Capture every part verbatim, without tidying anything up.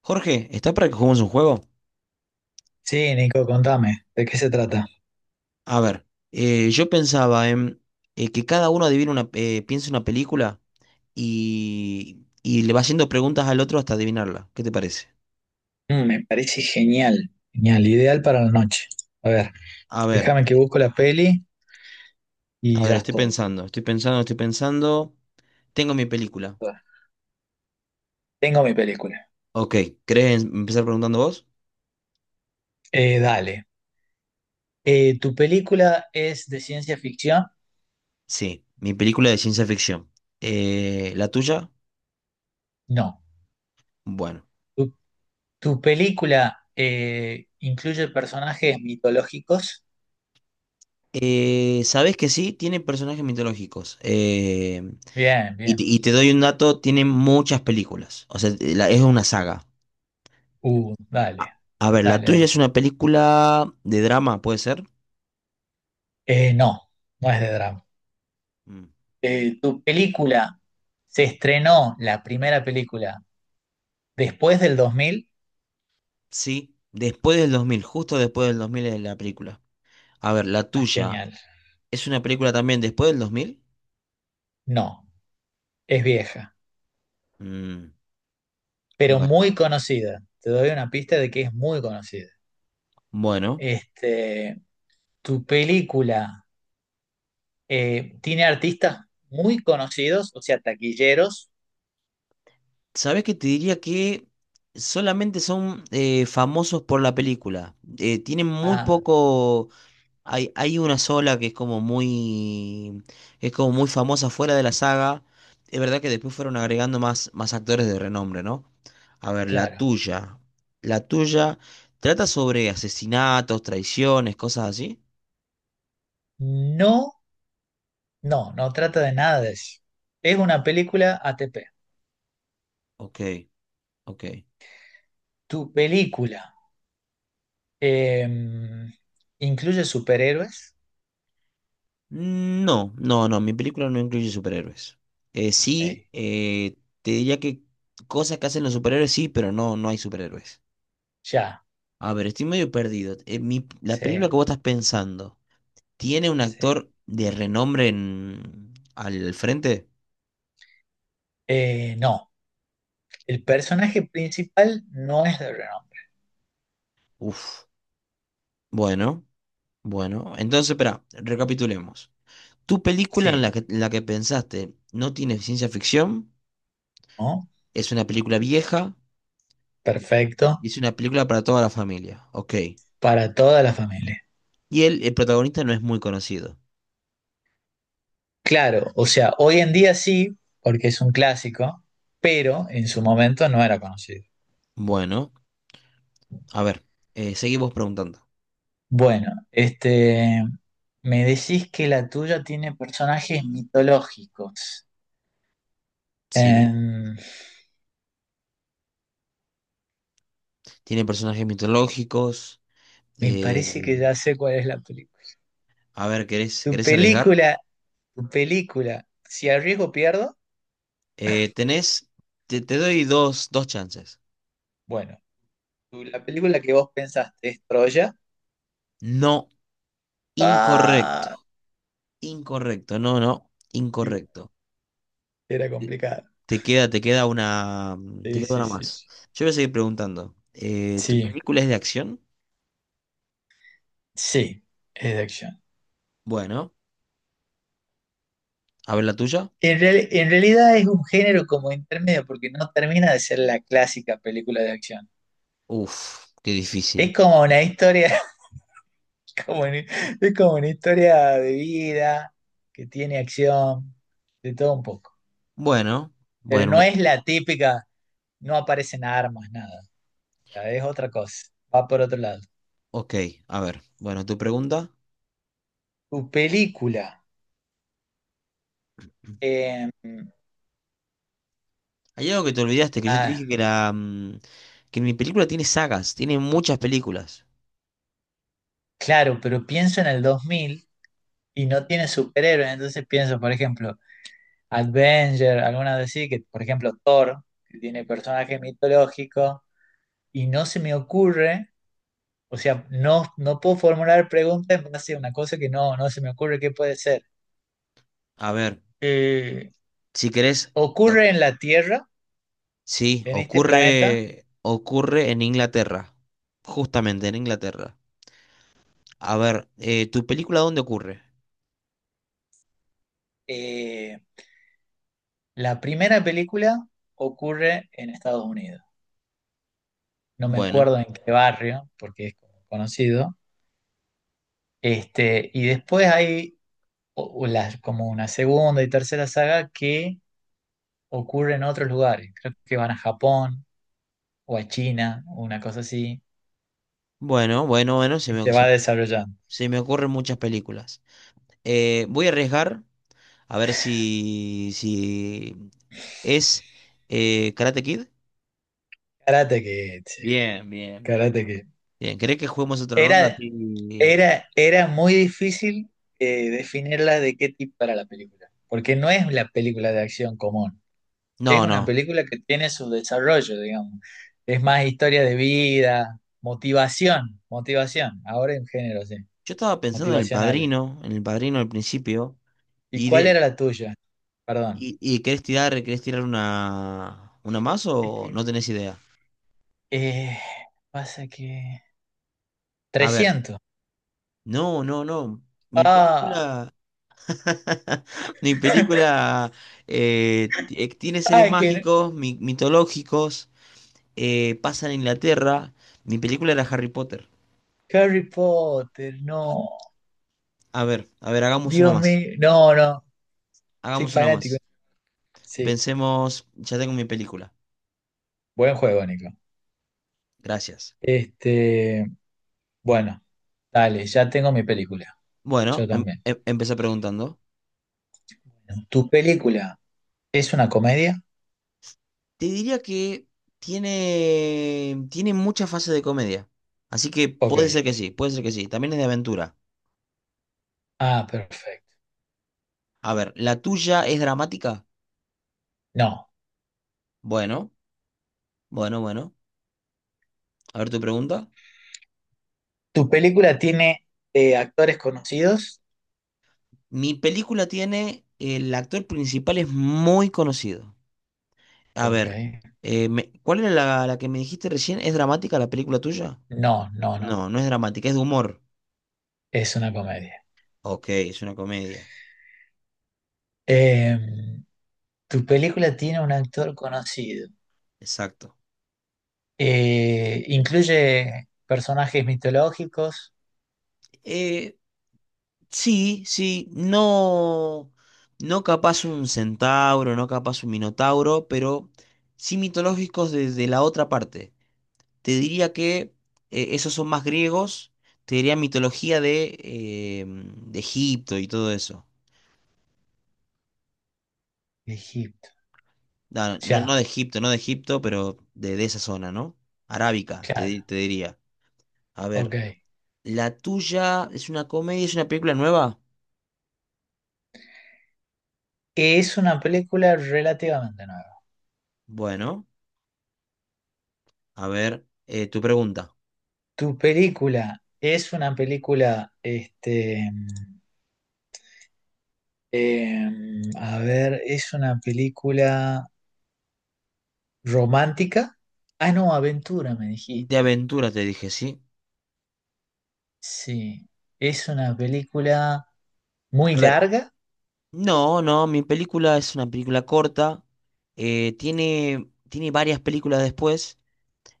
Jorge, ¿está para que juguemos un juego? Sí, Nico, contame, ¿de qué se trata? A ver, eh, yo pensaba en eh, que cada uno adivine una, eh, piense una película y, y le va haciendo preguntas al otro hasta adivinarla. ¿Qué te parece? Mm, me parece genial, genial, ideal para la noche. A ver, A ver, déjame que eh, busco la peli y a ver, ya estoy estoy. pensando, estoy pensando, estoy pensando. Tengo mi película. Tengo mi película. Ok, ¿querés em- empezar preguntando vos? Eh, dale. Eh, ¿tu película es de ciencia ficción? Sí, mi película de ciencia ficción. Eh, ¿la tuya? No. Bueno. ¿Tu, tu película eh, incluye personajes mitológicos? Eh, sabés que sí, tiene personajes mitológicos. Eh, Bien, Y te, bien. y te doy un dato, tiene muchas películas. O sea, eh, la- es una saga. Uh, dale, A, a ver, la dale, tuya dale. es una película de drama, ¿puede ser? Eh, no, no es de drama. Mm, Eh, ¿tu película se estrenó la primera película Después del dos mil? Sí, después del dos mil, justo después del dos mil es la película. A ver, la Ah, tuya genial. es una película también después del dos mil. No, es vieja, Mm, pero Bueno, muy conocida. Te doy una pista de que es muy conocida. bueno. Este, tu película eh, tiene artistas muy conocidos, o sea, taquilleros. ¿Sabes qué te diría que solamente son eh, famosos por la película? Eh, tienen muy Ah, poco. Hay, hay una sola que es como muy, que es como muy famosa fuera de la saga. Es verdad que después fueron agregando más, más actores de renombre, ¿no? A ver, la claro. tuya. La tuya trata sobre asesinatos, traiciones, cosas así. No, no, no trata de nada de eso. Es una película A T P. Ok, ok. Tu película eh, incluye superhéroes. No, no, no, mi película no incluye superhéroes. Eh, Ok, sí, eh, te diría que cosas que hacen los superhéroes sí, pero no, no hay superhéroes. Ya, A ver, estoy medio perdido. Eh, mi- la sí, película que vos estás pensando. ¿Tiene un sí. actor de renombre en- al frente? Eh, no. El personaje principal no es de renombre. Uf. Bueno, bueno. Entonces, espera, recapitulemos. ¿Tu película en Sí, la que, en la que pensaste no tiene ciencia ficción? ¿no? Es una película vieja Perfecto. y es una película para toda la familia. Ok. Para toda la familia. Y el, el protagonista no es muy conocido. Claro, o sea, hoy en día sí, porque es un clásico, pero en su momento no era conocido. Bueno, a ver, eh, seguimos preguntando. Bueno, este, me decís que la tuya tiene personajes mitológicos. Sí. Em, ¿Tiene personajes mitológicos? me Eh, parece que ya sé cuál es la película. a ver, ¿querés, Tu ¿querés arriesgar? película, tu película, si arriesgo pierdo, Eh, tenés, te, te doy dos, dos chances. bueno, tu- la película que vos pensaste es Troya. No, incorrecto, Ah, incorrecto, no, no, Igual incorrecto. Era Te complicado. te queda, te queda una, mm, te Sí, queda sí, una sí. más. Sí, Yo voy a seguir preguntando. eh, ¿tu sí, película es de acción? sí, es de acción. Bueno, a ver la tuya. En, real- en realidad es un género como intermedio porque no termina de ser la clásica película de acción. Uf, qué Es difícil. como una historia, como una- es como una historia de vida que tiene acción, de todo un poco. Bueno, Pero bueno, un- no e, es la típica, no aparecen armas, nada. O sea, es otra cosa, va por otro lado. ok, a ver. Bueno, tu pregunta. Tu película. eh, Hay algo que te olvidaste, que yo te ah, dije que la, mm, que mi película tiene sagas, tiene muchas películas. claro, pero pienso en el dos mil y no tiene superhéroes, entonces pienso, por ejemplo, Avenger, algunas de sí, que por ejemplo Thor, que tiene personaje mitológico, y no se me ocurre, o sea, no, no puedo formular preguntas en base a una cosa que no, no se me ocurre qué puede ser. A ver, Eh, si querés, ocurre en la Tierra, sí, en este planeta, ocurre, ocurre en Inglaterra, justamente en Inglaterra. A ver, eh, ¿tu película dónde ocurre? eh, la primera película ocurre en Estados Unidos. No me Bueno, acuerdo en qué barrio, porque es como conocido. Este, y después hay o- o las- como una segunda y tercera saga que ocurre en otros lugares. Creo que van a Japón o a China, una cosa así, bueno, bueno, bueno, se y me, se se va me- desarrollando. se me ocurren muchas películas. Eh, voy a arriesgar a ver si, si es eh, Karate Kid. Karate que Bien, bien, bien. Karate Kid. Bien, ¿querés que juguemos otra ronda? Era, Sí. era, era muy difícil eh, definirla de qué tipo era la película, porque no es la película de acción común, es No, una no. película que tiene su desarrollo, digamos. Es más historia de vida, motivación, motivación, ahora en género, sí, Yo estaba pensando en El motivacional. Padrino, en El Padrino al principio, ¿Y y cuál de, era la tuya? Perdón. ¿Y, y querés tirar, querés tirar una, una más Es o no tenés idea? Eh, pasa que A ver, trescientos. no, no, no. Mi Ah, película, mi película eh, ti- eh, tiene seres ay, que mágicos, mi- mitológicos, eh, pasa en Inglaterra. Mi película era Harry Potter. Harry Potter, no. A ver, a ver, hagamos una Dios más. mío, no, no. Soy Hagamos una fanático. más. Sí, Pensemos, ya tengo mi película. buen juego, Nico. Gracias. Este, bueno, dale, ya tengo mi película. Yo Bueno, em- también. em- empecé preguntando. Bueno, ¿Tu película es una comedia? Te diría que tiene, tiene muchas fases de comedia. Así que Ok. puede ser que sí, puede ser que sí. También es de aventura. Ah, perfecto. A ver, ¿la tuya es dramática? No. Bueno, bueno, bueno. A ver tu pregunta. ¿Tu película tiene eh, actores conocidos? Mi película tiene, el actor principal es muy conocido. A Ok. ver, eh, me- ¿cuál era la, la que me dijiste recién? ¿Es dramática la película tuya? No, no, no. No, no es dramática, es de humor. Es una comedia. Ok, es una comedia. Eh, tu película tiene un actor conocido. Exacto. Eh, incluye personajes mitológicos Eh, Sí, sí, no, no capaz un centauro, no capaz un minotauro, pero sí mitológicos desde la otra parte. Te diría que eh, esos son más griegos, te diría mitología de, eh, de Egipto y todo eso. de Egipto. No, no, no Ya, de Egipto, no de Egipto, pero de, de esa zona, ¿no? Arábica, te, di- claro. te diría. A Ok. ver, la tuya es una comedia, es una película nueva. Es una película relativamente nueva. Bueno, a ver, eh, tu pregunta. Tu película es una película, este, eh, a ver, es una película romántica. Ah, no, aventura, me De dijiste. aventura te dije, ¿sí? Sí, es una película muy A ver, larga. no, no, mi película es una película corta, eh, tiene, tiene varias películas después.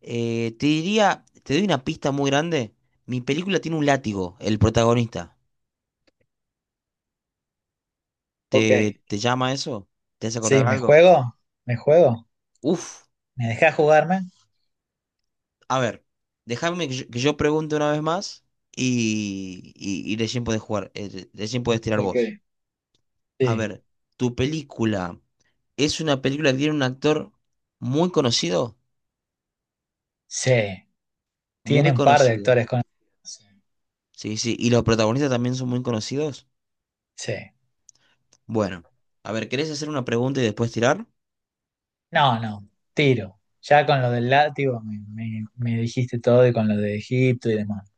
eh, Te diría, te doy una pista muy grande. Mi película tiene un látigo, el protagonista. Ok, ¿Te, te llama eso? ¿Te hace Sí, acordar ¿me algo? juego? ¿Me juego? Uf, ¿Me dejas jugarme? a ver, déjame que yo, que yo pregunte una vez más y, y, y recién podés jugar, eh, recién podés tirar ok. vos. A Sí. ver, ¿tu película es una película que tiene un actor muy conocido? Sí, tiene Muy un par de conocido. actores con. Sí. Sí, sí. ¿Y los protagonistas también son muy conocidos? Sí. Bueno, a ver, ¿querés hacer una pregunta y después tirar? No, no, tiro. Ya con lo del látigo me, me- me dijiste todo y con lo de Egipto y demás.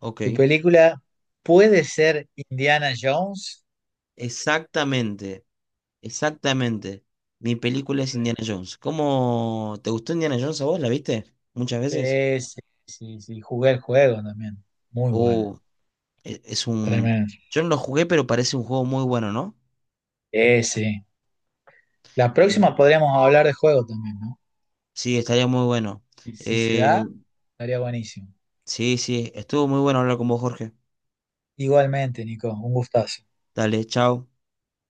Ok. ¿Tu película puede ser Indiana Jones? Exactamente, exactamente. Mi película es Sí, Indiana Jones. ¿Cómo te gustó Indiana Jones a vos? ¿La viste? ¿Muchas veces? sí, sí, sí. sí. Jugué el juego también. Muy bueno. Oh, e- es un... Tremendo. Yo no lo jugué, pero parece un juego muy bueno, ¿no? Sí, sí. La próxima Eh, podríamos hablar de juego también, ¿no? sí, estaría muy bueno. Y si se Eh, da, estaría buenísimo. sí, sí, estuvo muy bueno hablar con vos, Jorge. Igualmente, Nico, un gustazo. Dale, chao.